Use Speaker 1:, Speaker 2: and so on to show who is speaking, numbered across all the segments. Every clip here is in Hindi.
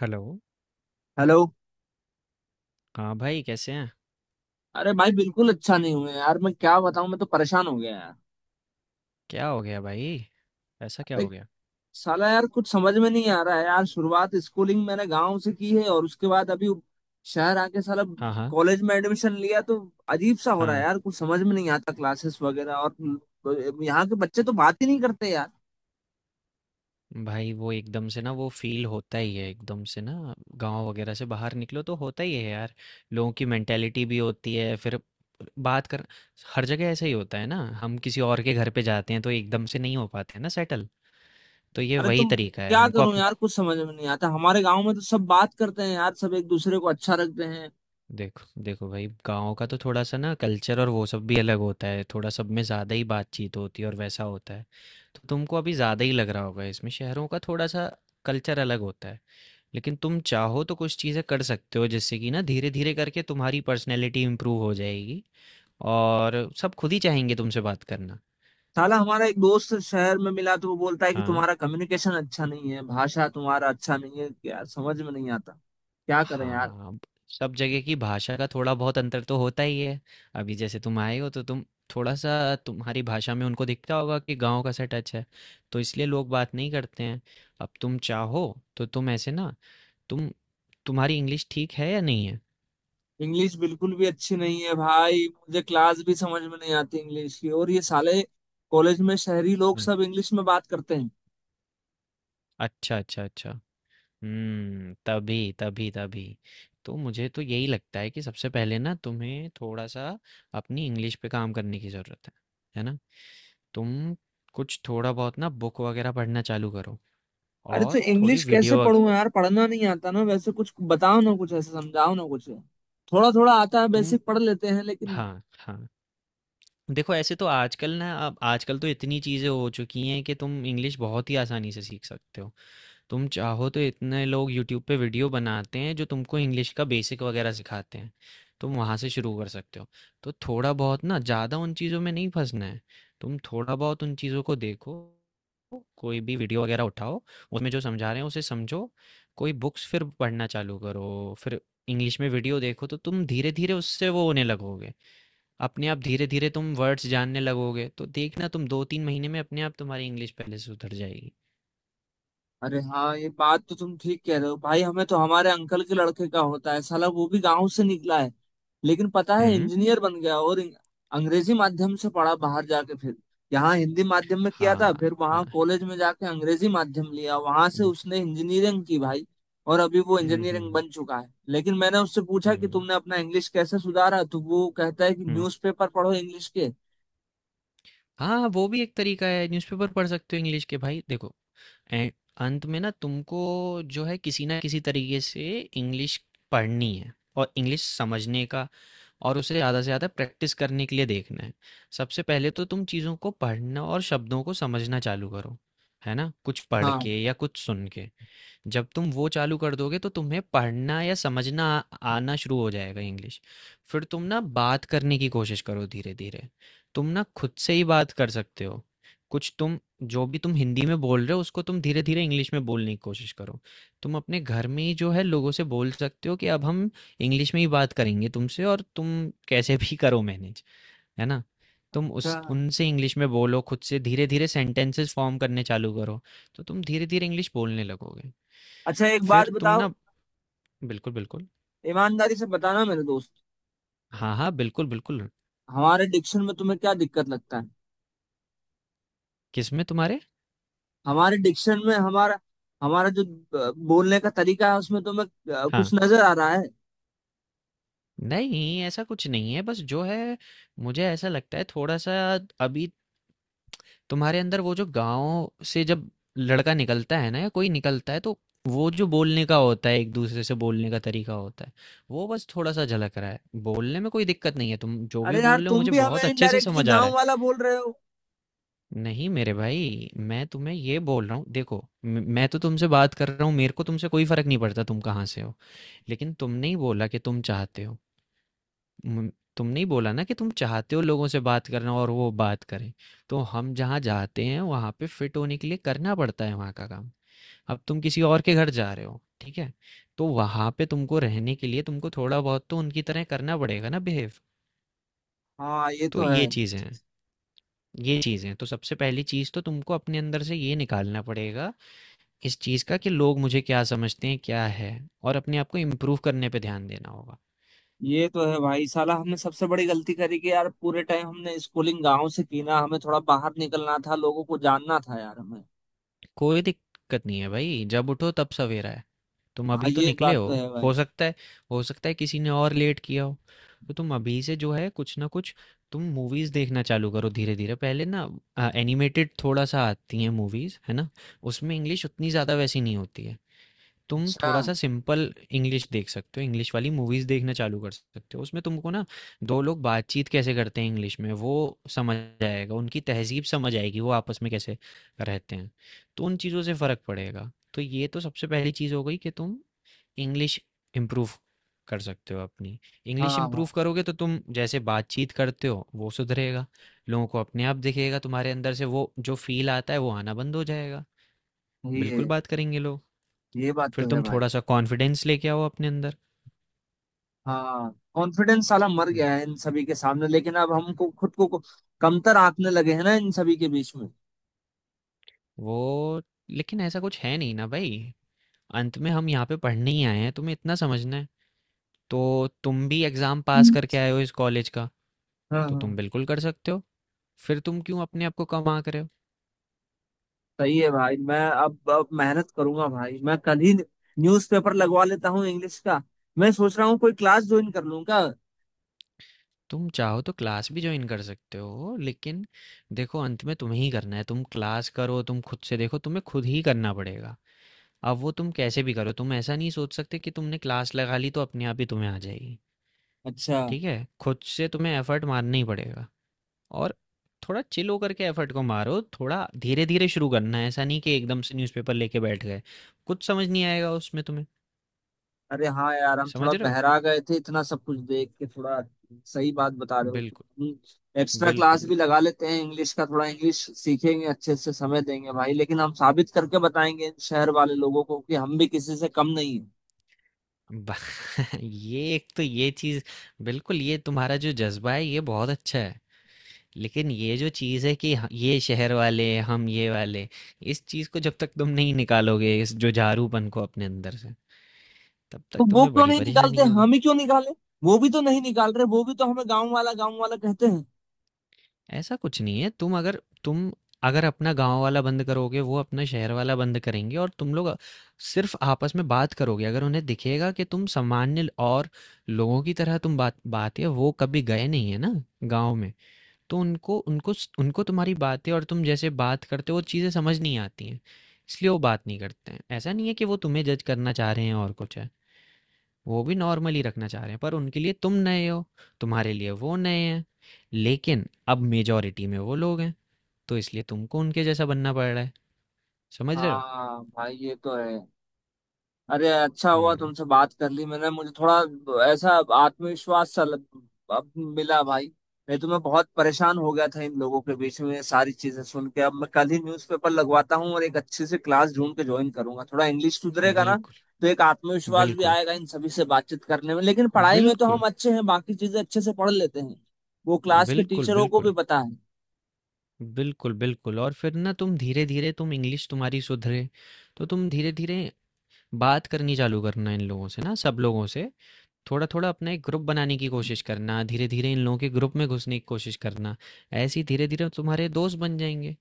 Speaker 1: हेलो।
Speaker 2: हेलो।
Speaker 1: हाँ भाई कैसे हैं।
Speaker 2: अरे भाई बिल्कुल अच्छा नहीं हुए यार। मैं क्या बताऊं। मैं तो परेशान हो गया यार।
Speaker 1: क्या हो गया भाई? ऐसा क्या हो
Speaker 2: लाइक।
Speaker 1: गया?
Speaker 2: साला यार कुछ समझ में नहीं आ रहा है यार। शुरुआत स्कूलिंग मैंने गांव से की है, और उसके बाद अभी शहर आके साला
Speaker 1: हाँ हाँ।
Speaker 2: कॉलेज में एडमिशन लिया, तो अजीब सा हो रहा है
Speaker 1: हाँ
Speaker 2: यार। कुछ समझ में नहीं आता, क्लासेस वगैरह। और तो यहाँ के बच्चे तो बात ही नहीं करते यार।
Speaker 1: भाई, वो एकदम से ना, वो फील होता ही है एकदम से ना। गांव वगैरह से बाहर निकलो तो होता ही है यार। लोगों की मेंटेलिटी भी होती है फिर बात कर। हर जगह ऐसा ही होता है ना, हम किसी और के घर पे जाते हैं तो एकदम से नहीं हो पाते हैं ना सेटल। तो ये
Speaker 2: अरे
Speaker 1: वही
Speaker 2: तुम।
Speaker 1: तरीका है
Speaker 2: क्या
Speaker 1: हमको।
Speaker 2: करूं यार, कुछ समझ में नहीं आता। हमारे गांव में तो सब बात करते हैं यार, सब एक दूसरे को अच्छा रखते हैं।
Speaker 1: देखो देखो भाई, गाँव का तो थोड़ा-सा ना कल्चर और वो सब भी अलग होता है, थोड़ा सब में ज़्यादा ही बातचीत होती है और वैसा होता है। तो तुमको अभी ज़्यादा ही लग रहा होगा इसमें, शहरों का थोड़ा-सा कल्चर अलग होता है। लेकिन तुम चाहो तो कुछ चीज़ें कर सकते हो जिससे कि ना धीरे-धीरे करके तुम्हारी पर्सनैलिटी इम्प्रूव हो जाएगी और सब खुद ही चाहेंगे तुमसे बात करना।
Speaker 2: साला हमारा एक दोस्त शहर में मिला, तो वो बोलता है कि
Speaker 1: हाँ।
Speaker 2: तुम्हारा कम्युनिकेशन अच्छा नहीं है, भाषा तुम्हारा अच्छा नहीं है यार। समझ में नहीं आता, क्या करें यार।
Speaker 1: हाँ, ब सब जगह की भाषा का थोड़ा-बहुत अंतर तो होता ही है। अभी जैसे तुम आए हो तो तुम थोड़ा-सा तुम्हारी भाषा में उनको दिखता होगा कि गाँव का सा टच है, तो इसलिए लोग बात नहीं करते हैं। अब तुम चाहो तो तुम ऐसे ना, तुम तुम्हारी इंग्लिश ठीक है या नहीं है?
Speaker 2: इंग्लिश बिल्कुल भी अच्छी नहीं है भाई। मुझे क्लास भी समझ में नहीं आती इंग्लिश की। और ये साले कॉलेज में शहरी लोग
Speaker 1: हुँ।
Speaker 2: सब इंग्लिश में बात करते हैं।
Speaker 1: अच्छा, अच्छा, अच्छा। हुँ, तभी, तभी, तभी। तो मुझे तो यही लगता है कि सबसे पहले ना तुम्हें थोड़ा-सा अपनी इंग्लिश पे काम करने की ज़रूरत है। है ना? तुम कुछ थोड़ा बहुत ना बुक वगैरह पढ़ना चालू करो
Speaker 2: अरे तो
Speaker 1: और थोड़ी
Speaker 2: इंग्लिश कैसे पढूं यार? पढ़ना नहीं आता ना वैसे। कुछ बताओ ना, कुछ ऐसे समझाओ ना कुछ। थोड़ा थोड़ा आता है,
Speaker 1: तुम
Speaker 2: बेसिक पढ़ लेते हैं, लेकिन।
Speaker 1: हाँ हाँ। देखो, ऐसे तो आजकल ना, अब आजकल तो इतनी चीज़ें हो चुकी हैं कि तुम इंग्लिश बहुत ही आसानी से सीख सकते हो। तुम चाहो तो इतने लोग यूट्यूब पे वीडियो बनाते हैं जो तुमको इंग्लिश का बेसिक वगैरह सिखाते हैं। तुम वहाँ से शुरू कर सकते हो। तो थोड़ा बहुत ना, ज़्यादा उन चीज़ों में नहीं फंसना है। तुम थोड़ा बहुत उन चीज़ों को देखो, कोई भी वीडियो वगैरह उठाओ, उसमें जो समझा रहे हैं उसे समझो। कोई बुक्स फिर पढ़ना चालू करो, फिर इंग्लिश में वीडियो देखो, तो तुम धीरे धीरे उससे वो होने लगोगे। अपने आप धीरे धीरे तुम वर्ड्स जानने लगोगे, तो देखना तुम दो तीन महीने में अपने आप तुम्हारी इंग्लिश पहले से उतर जाएगी।
Speaker 2: अरे हाँ, ये बात तो तुम ठीक कह रहे हो भाई। हमें तो हमारे अंकल के लड़के का होता है साला। वो भी गांव से निकला है, लेकिन पता है
Speaker 1: हम्म।
Speaker 2: इंजीनियर बन गया। और अंग्रेजी माध्यम से पढ़ा बाहर जाके, फिर यहाँ हिंदी माध्यम में किया था,
Speaker 1: हाँ।
Speaker 2: फिर वहाँ कॉलेज में जाके अंग्रेजी माध्यम लिया, वहां से
Speaker 1: हम्म
Speaker 2: उसने इंजीनियरिंग की भाई। और अभी वो इंजीनियरिंग
Speaker 1: हम्म
Speaker 2: बन चुका है, लेकिन मैंने उससे पूछा कि
Speaker 1: हम्म,
Speaker 2: तुमने अपना इंग्लिश कैसे सुधारा, तो वो कहता है कि
Speaker 1: हम्म।
Speaker 2: न्यूज़पेपर पढ़ो इंग्लिश के।
Speaker 1: हाँ, वो भी एक तरीका है, न्यूज़पेपर पढ़ सकते हो इंग्लिश के भाई। देखो, ए- अंत में ना तुमको जो है किसी ना किसी तरीके से इंग्लिश पढ़नी है और इंग्लिश समझने का और उसे ज़्यादा से ज़्यादा प्रैक्टिस करने के लिए देखना है। सबसे पहले तो तुम चीज़ों को पढ़ना और शब्दों को समझना चालू करो, है ना, कुछ पढ़
Speaker 2: हाँ।
Speaker 1: के या कुछ सुन के। जब तुम वो चालू कर दोगे तो तुम्हें पढ़ना या समझना आना शुरू हो जाएगा इंग्लिश। फिर तुम ना बात करने की कोशिश करो धीरे धीरे। तुम ना खुद से ही बात कर सकते हो। कुछ तुम जो भी तुम हिंदी में बोल रहे हो उसको तुम धीरे धीरे इंग्लिश में बोलने की कोशिश करो। तुम अपने घर में ही जो है लोगों से बोल सकते हो कि अब हम इंग्लिश में ही बात करेंगे तुमसे, और तुम कैसे भी करो मैनेज। है ना? तुम
Speaker 2: अच्छा,
Speaker 1: उस उनसे इंग्लिश में बोलो, खुद से धीरे धीरे सेंटेंसेस फॉर्म करने चालू करो, तो तुम धीरे धीरे इंग्लिश बोलने लगोगे।
Speaker 2: अच्छा। एक
Speaker 1: फिर
Speaker 2: बात
Speaker 1: तुम
Speaker 2: बताओ,
Speaker 1: ना बिल्कुल बिल्कुल।
Speaker 2: ईमानदारी से बताना मेरे दोस्त।
Speaker 1: हाँ हाँ, बिल्कुल बिल्कुल।
Speaker 2: हमारे डिक्शन में तुम्हें क्या दिक्कत लगता है?
Speaker 1: किस में तुम्हारे?
Speaker 2: हमारे डिक्शन में, हमारा, हमारा जो बोलने का तरीका है, उसमें तुम्हें कुछ
Speaker 1: हाँ,
Speaker 2: नजर आ रहा है?
Speaker 1: नहीं ऐसा कुछ नहीं है, बस जो है मुझे ऐसा लगता है थोड़ा सा अभी तुम्हारे अंदर वो, जो गांव से जब लड़का निकलता है ना या कोई निकलता है, तो वो जो बोलने का होता है, एक दूसरे से बोलने का तरीका होता है, वो बस थोड़ा सा झलक रहा है। बोलने में कोई दिक्कत नहीं है, तुम जो भी
Speaker 2: अरे यार,
Speaker 1: बोल रहे हो
Speaker 2: तुम
Speaker 1: मुझे
Speaker 2: भी हमें
Speaker 1: बहुत अच्छे से
Speaker 2: इनडायरेक्टली
Speaker 1: समझ आ रहा
Speaker 2: गांव
Speaker 1: है।
Speaker 2: वाला बोल रहे हो।
Speaker 1: नहीं मेरे भाई, मैं तुम्हें ये बोल रहा हूँ, देखो, मैं तो तुमसे बात कर रहा हूँ, मेरे को तुमसे कोई फर्क नहीं पड़ता तुम कहाँ से हो। लेकिन तुमने ही बोला कि तुम चाहते हो। मम, तुमने ही बोला ना कि तुम चाहते हो लोगों से बात करना और वो बात करें। तो हम जहाँ जाते हैं वहाँ पे फिट होने के लिए करना पड़ता है वहाँ का काम। अब तुम किसी और के घर जा रहे हो, ठीक है, तो वहाँ पे तुमको रहने के लिए तुमको थोड़ा बहुत तो उनकी तरह करना पड़ेगा ना बिहेव।
Speaker 2: हाँ, ये
Speaker 1: तो
Speaker 2: तो है।
Speaker 1: ये चीज़ें हैं। ये चीज़ें हैं, तो सबसे पहली चीज़ तो तुमको अपने अंदर से ये निकालना पड़ेगा, इस चीज़ का कि लोग मुझे क्या समझते हैं क्या है, और अपने आप को इम्प्रूव करने पे ध्यान देना होगा।
Speaker 2: ये तो है भाई। साला हमने सबसे बड़ी गलती करी कि यार, पूरे टाइम हमने स्कूलिंग गांव से की ना। हमें थोड़ा बाहर निकलना था, लोगों को जानना था यार, हमें।
Speaker 1: कोई दिक्कत नहीं है भाई, जब उठो तब सवेरा है। तुम
Speaker 2: हाँ,
Speaker 1: अभी तो
Speaker 2: ये
Speaker 1: निकले
Speaker 2: बात तो है
Speaker 1: हो
Speaker 2: भाई।
Speaker 1: सकता है, हो सकता है किसी ने और लेट किया हो। तो तुम अभी से जो है कुछ ना कुछ, तुम मूवीज देखना चालू करो धीरे-धीरे। पहले ना एनिमेटेड थोड़ा सा आती हैं मूवीज, है ना? उसमें इंग्लिश उतनी ज़्यादा वैसी नहीं होती है। तुम
Speaker 2: अच्छा।
Speaker 1: थोड़ा सा सिंपल इंग्लिश देख सकते हो, इंग्लिश वाली मूवीज देखना चालू कर सकते हो, उसमें तुमको ना दो लोग बातचीत कैसे करते हैं इंग्लिश में, वो समझ आएगा, उनकी तहजीब समझ आएगी, वो आपस में कैसे रहते हैं। तो उन चीज़ों से फ़र्क पड़ेगा। तो ये तो सबसे पहली चीज़ हो गई कि तुम इंग्लिश इम्प्रूव कर सकते हो अपनी।
Speaker 2: हाँ,
Speaker 1: इंग्लिश
Speaker 2: हाँ,
Speaker 1: इम्प्रूव करोगे तो तुम जैसे बातचीत करते हो वो सुधरेगा, लोगों को अपने आप दिखेगा, तुम्हारे अंदर से वो जो फील आता है वो आना बंद हो जाएगा, बिल्कुल
Speaker 2: ये
Speaker 1: बात करेंगे लोग।
Speaker 2: ये बात
Speaker 1: फिर
Speaker 2: तो है
Speaker 1: तुम
Speaker 2: भाई।
Speaker 1: थोड़ा-सा कॉन्फिडेंस लेके आओ अपने अंदर।
Speaker 2: हाँ, कॉन्फिडेंस साला मर
Speaker 1: हुँ,
Speaker 2: गया है इन सभी के सामने। लेकिन अब हमको खुद को कमतर आंकने लगे हैं ना इन सभी के बीच में।
Speaker 1: वो लेकिन ऐसा कुछ है नहीं ना भई। अंत में हम यहाँ पे पढ़ने ही आए हैं, तुम्हें इतना समझना है। तो तुम भी एग्ज़ाम पास
Speaker 2: हम्म।
Speaker 1: करके आए हो इस कॉलेज का,
Speaker 2: हाँ,
Speaker 1: तो
Speaker 2: हाँ,
Speaker 1: तुम बिल्कुल कर सकते हो। फिर तुम क्यों अपने आप को कम आँक रहे हो?
Speaker 2: सही है भाई। मैं अब मेहनत करूंगा भाई। मैं कल ही न्यूज़पेपर लगवा लेता हूँ इंग्लिश का। मैं सोच रहा हूँ कोई क्लास ज्वाइन कर लूँ क्या?
Speaker 1: तुम चाहो तो क्लास भी जॉइन कर सकते हो, लेकिन देखो अंत में तुम्हें ही करना है। तुम क्लास करो, तुम खुद से देखो, तुम्हें खुद ही करना पड़ेगा। अब वो तुम कैसे भी करो, तुम ऐसा नहीं सोच सकते कि तुमने क्लास लगा ली तो अपने आप ही तुम्हें आ जाएगी।
Speaker 2: अच्छा।
Speaker 1: ठीक है? खुद से तुम्हें एफर्ट मारना ही पड़ेगा, और थोड़ा चिल होकर के एफर्ट को मारो, थोड़ा धीरे-धीरे शुरू करना है, ऐसा नहीं कि एकदम से न्यूज़पेपर लेके बैठ गए। कुछ समझ नहीं आएगा उसमें तुम्हें,
Speaker 2: अरे हाँ यार, हम थोड़ा
Speaker 1: समझ रहे हो?
Speaker 2: बहरा गए थे इतना सब कुछ देख के। थोड़ा सही बात बता रहे हो
Speaker 1: बिल्कुल,
Speaker 2: तुम। एक्स्ट्रा
Speaker 1: बिल्कुल,
Speaker 2: क्लास
Speaker 1: बिल्कुल।
Speaker 2: भी लगा लेते हैं इंग्लिश का, थोड़ा इंग्लिश सीखेंगे अच्छे से, समय देंगे भाई। लेकिन हम साबित करके बताएंगे इन शहर वाले लोगों को कि हम भी किसी से कम नहीं है।
Speaker 1: बा ये एक तो ये चीज़ बिल्कुल, ये तुम्हारा जो ज़ज्बा है ये बहुत अच्छा है। लेकिन ये जो चीज़ है कि ह ये शहर वाले, हम ये वाले, इस चीज़ को जब तक तुम नहीं निकालोगे, इस जुझारूपन को अपने अंदर से, तब
Speaker 2: तो
Speaker 1: तक
Speaker 2: वो
Speaker 1: तुम्हें
Speaker 2: क्यों
Speaker 1: बड़ी
Speaker 2: नहीं निकालते?
Speaker 1: परेशानी होगी।
Speaker 2: हम ही क्यों निकाले? वो भी तो नहीं निकाल रहे, वो भी तो हमें गाँव वाला कहते हैं।
Speaker 1: ऐसा कुछ नहीं है। तुम अगर अपना गाँव वाला बंद करोगे, वो अपना शहर वाला बंद करेंगे, और तुम लोग सिर्फ़ आपस में बात करोगे। अगर उन्हें दिखेगा कि तुम सामान्य और लोगों की तरह तुम बातें, वो कभी गए नहीं हैं ना गाँव में, तो उनको उनको स उनको तुम्हारी बातें और तुम जैसे बात करते हो, वो चीज़ें समझ नहीं आती हैं। इसलिए वो बात नहीं करते हैं। ऐसा नहीं है कि वो तुम्हें जज करना चाह रहे हैं और कुछ है। वो भी नॉर्मल ही रखना चाह रहे हैं, पर उनके लिए तुम नए हो, तुम्हारे लिए वो नए हैं, लेकिन अब मेजॉरिटी में वो लोग हैं, तो इसलिए तुमको उनके जैसा बनना पड़ रहा है। समझ रहे हो?
Speaker 2: हाँ भाई, ये तो है। अरे अच्छा हुआ
Speaker 1: हम्म।
Speaker 2: तुमसे बात कर ली मैंने, मुझे थोड़ा ऐसा आत्मविश्वास सा अब मिला भाई। नहीं तो मैं बहुत परेशान हो गया था इन लोगों के बीच में ये सारी चीजें सुन के। अब मैं कल ही न्यूज़पेपर लगवाता हूँ और एक अच्छी सी क्लास ढूंढ के ज्वाइन करूंगा, थोड़ा इंग्लिश सुधरेगा ना।
Speaker 1: बिल्कुल
Speaker 2: तो एक आत्मविश्वास भी
Speaker 1: बिल्कुल
Speaker 2: आएगा इन सभी से बातचीत करने में। लेकिन पढ़ाई में तो
Speaker 1: बिल्कुल
Speaker 2: हम अच्छे हैं, बाकी चीजें अच्छे से पढ़ लेते हैं। वो क्लास के
Speaker 1: बिल्कुल
Speaker 2: टीचरों को भी
Speaker 1: बिल्कुल
Speaker 2: पता है।
Speaker 1: बिल्कुल बिल्कुल और फिर ना तुम धीरे धीरे, तुम इंग्लिश तुम्हारी सुधरे, तो तुम धीरे धीरे बात करनी चालू करना इन लोगों से ना, सब लोगों से, थोड़ा थोड़ा अपना एक ग्रुप बनाने की कोशिश करना, धीरे धीरे इन लोगों के ग्रुप में घुसने की कोशिश करना, ऐसे ही धीरे धीरे तुम्हारे दोस्त बन जाएंगे।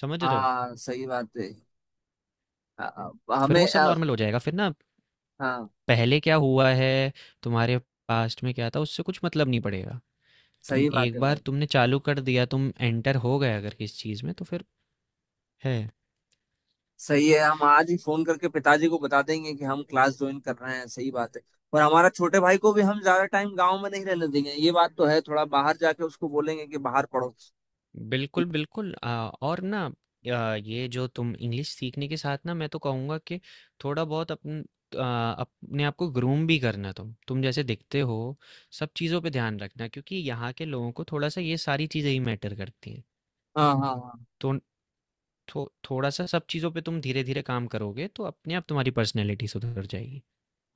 Speaker 1: समझ रहे हो?
Speaker 2: हाँ, सही बात है।
Speaker 1: फिर
Speaker 2: हमें
Speaker 1: वो सब नॉर्मल हो जाएगा फिर ना।
Speaker 2: हाँ,
Speaker 1: पहले क्या हुआ है, तुम्हारे पास्ट में क्या था, उससे कुछ मतलब नहीं पड़ेगा। तुम
Speaker 2: सही बात
Speaker 1: एक
Speaker 2: है
Speaker 1: बार
Speaker 2: भाई।
Speaker 1: तुमने चालू कर दिया, तुम एंटर हो गए अगर किस चीज़ में, तो फिर है।
Speaker 2: सही है, हम आज ही फोन करके पिताजी को बता देंगे कि हम क्लास ज्वाइन कर रहे हैं, सही बात है। और हमारा छोटे भाई को भी हम ज्यादा टाइम गांव में नहीं रहने देंगे, ये बात तो है। थोड़ा बाहर जाके उसको बोलेंगे कि बाहर पढ़ो।
Speaker 1: बिल्कुल बिल्कुल। और ना, ये जो तुम इंग्लिश सीखने के साथ ना, मैं तो कहूँगा कि थोड़ा बहुत अपने आप को ग्रूम भी करना, तुम जैसे दिखते हो सब चीज़ों पे ध्यान रखना, क्योंकि यहाँ के लोगों को थोड़ा सा ये सारी चीज़ें ही मैटर करती हैं।
Speaker 2: हाँ, हाँ, हाँ।
Speaker 1: तो थो थोड़ा-सा सब चीज़ों पे तुम धीरे-धीरे काम करोगे, तो अपने आप तुम्हारी पर्सनैलिटी सुधर जाएगी।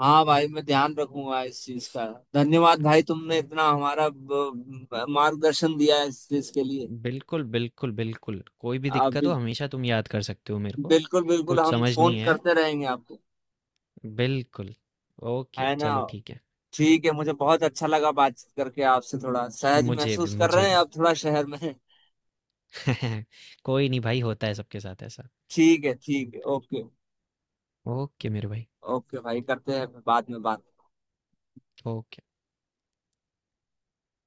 Speaker 2: हाँ भाई, मैं ध्यान रखूंगा इस चीज का। धन्यवाद भाई, तुमने इतना हमारा मार्गदर्शन दिया है इस चीज के लिए।
Speaker 1: बिल्कुल। कोई भी
Speaker 2: आप
Speaker 1: दिक्कत
Speaker 2: भी।
Speaker 1: हो हमेशा तुम याद कर सकते हो मेरे को।
Speaker 2: बिल्कुल, बिल्कुल।
Speaker 1: कुछ
Speaker 2: हम
Speaker 1: समझ
Speaker 2: फोन
Speaker 1: नहीं है,
Speaker 2: करते रहेंगे आपको।
Speaker 1: बिल्कुल। ओके,
Speaker 2: है ना।
Speaker 1: चलो ठीक है।
Speaker 2: ठीक है, मुझे बहुत अच्छा लगा बातचीत करके आपसे। थोड़ा सहज
Speaker 1: मुझे भी,
Speaker 2: महसूस कर
Speaker 1: मुझे
Speaker 2: रहे हैं
Speaker 1: भी।
Speaker 2: आप थोड़ा शहर में।
Speaker 1: कोई नहीं भाई, होता है सबके साथ ऐसा।
Speaker 2: ठीक है, ठीक है। ओके।
Speaker 1: ओके मेरे भाई,
Speaker 2: ओके भाई, करते हैं बाद में बात।
Speaker 1: ओके।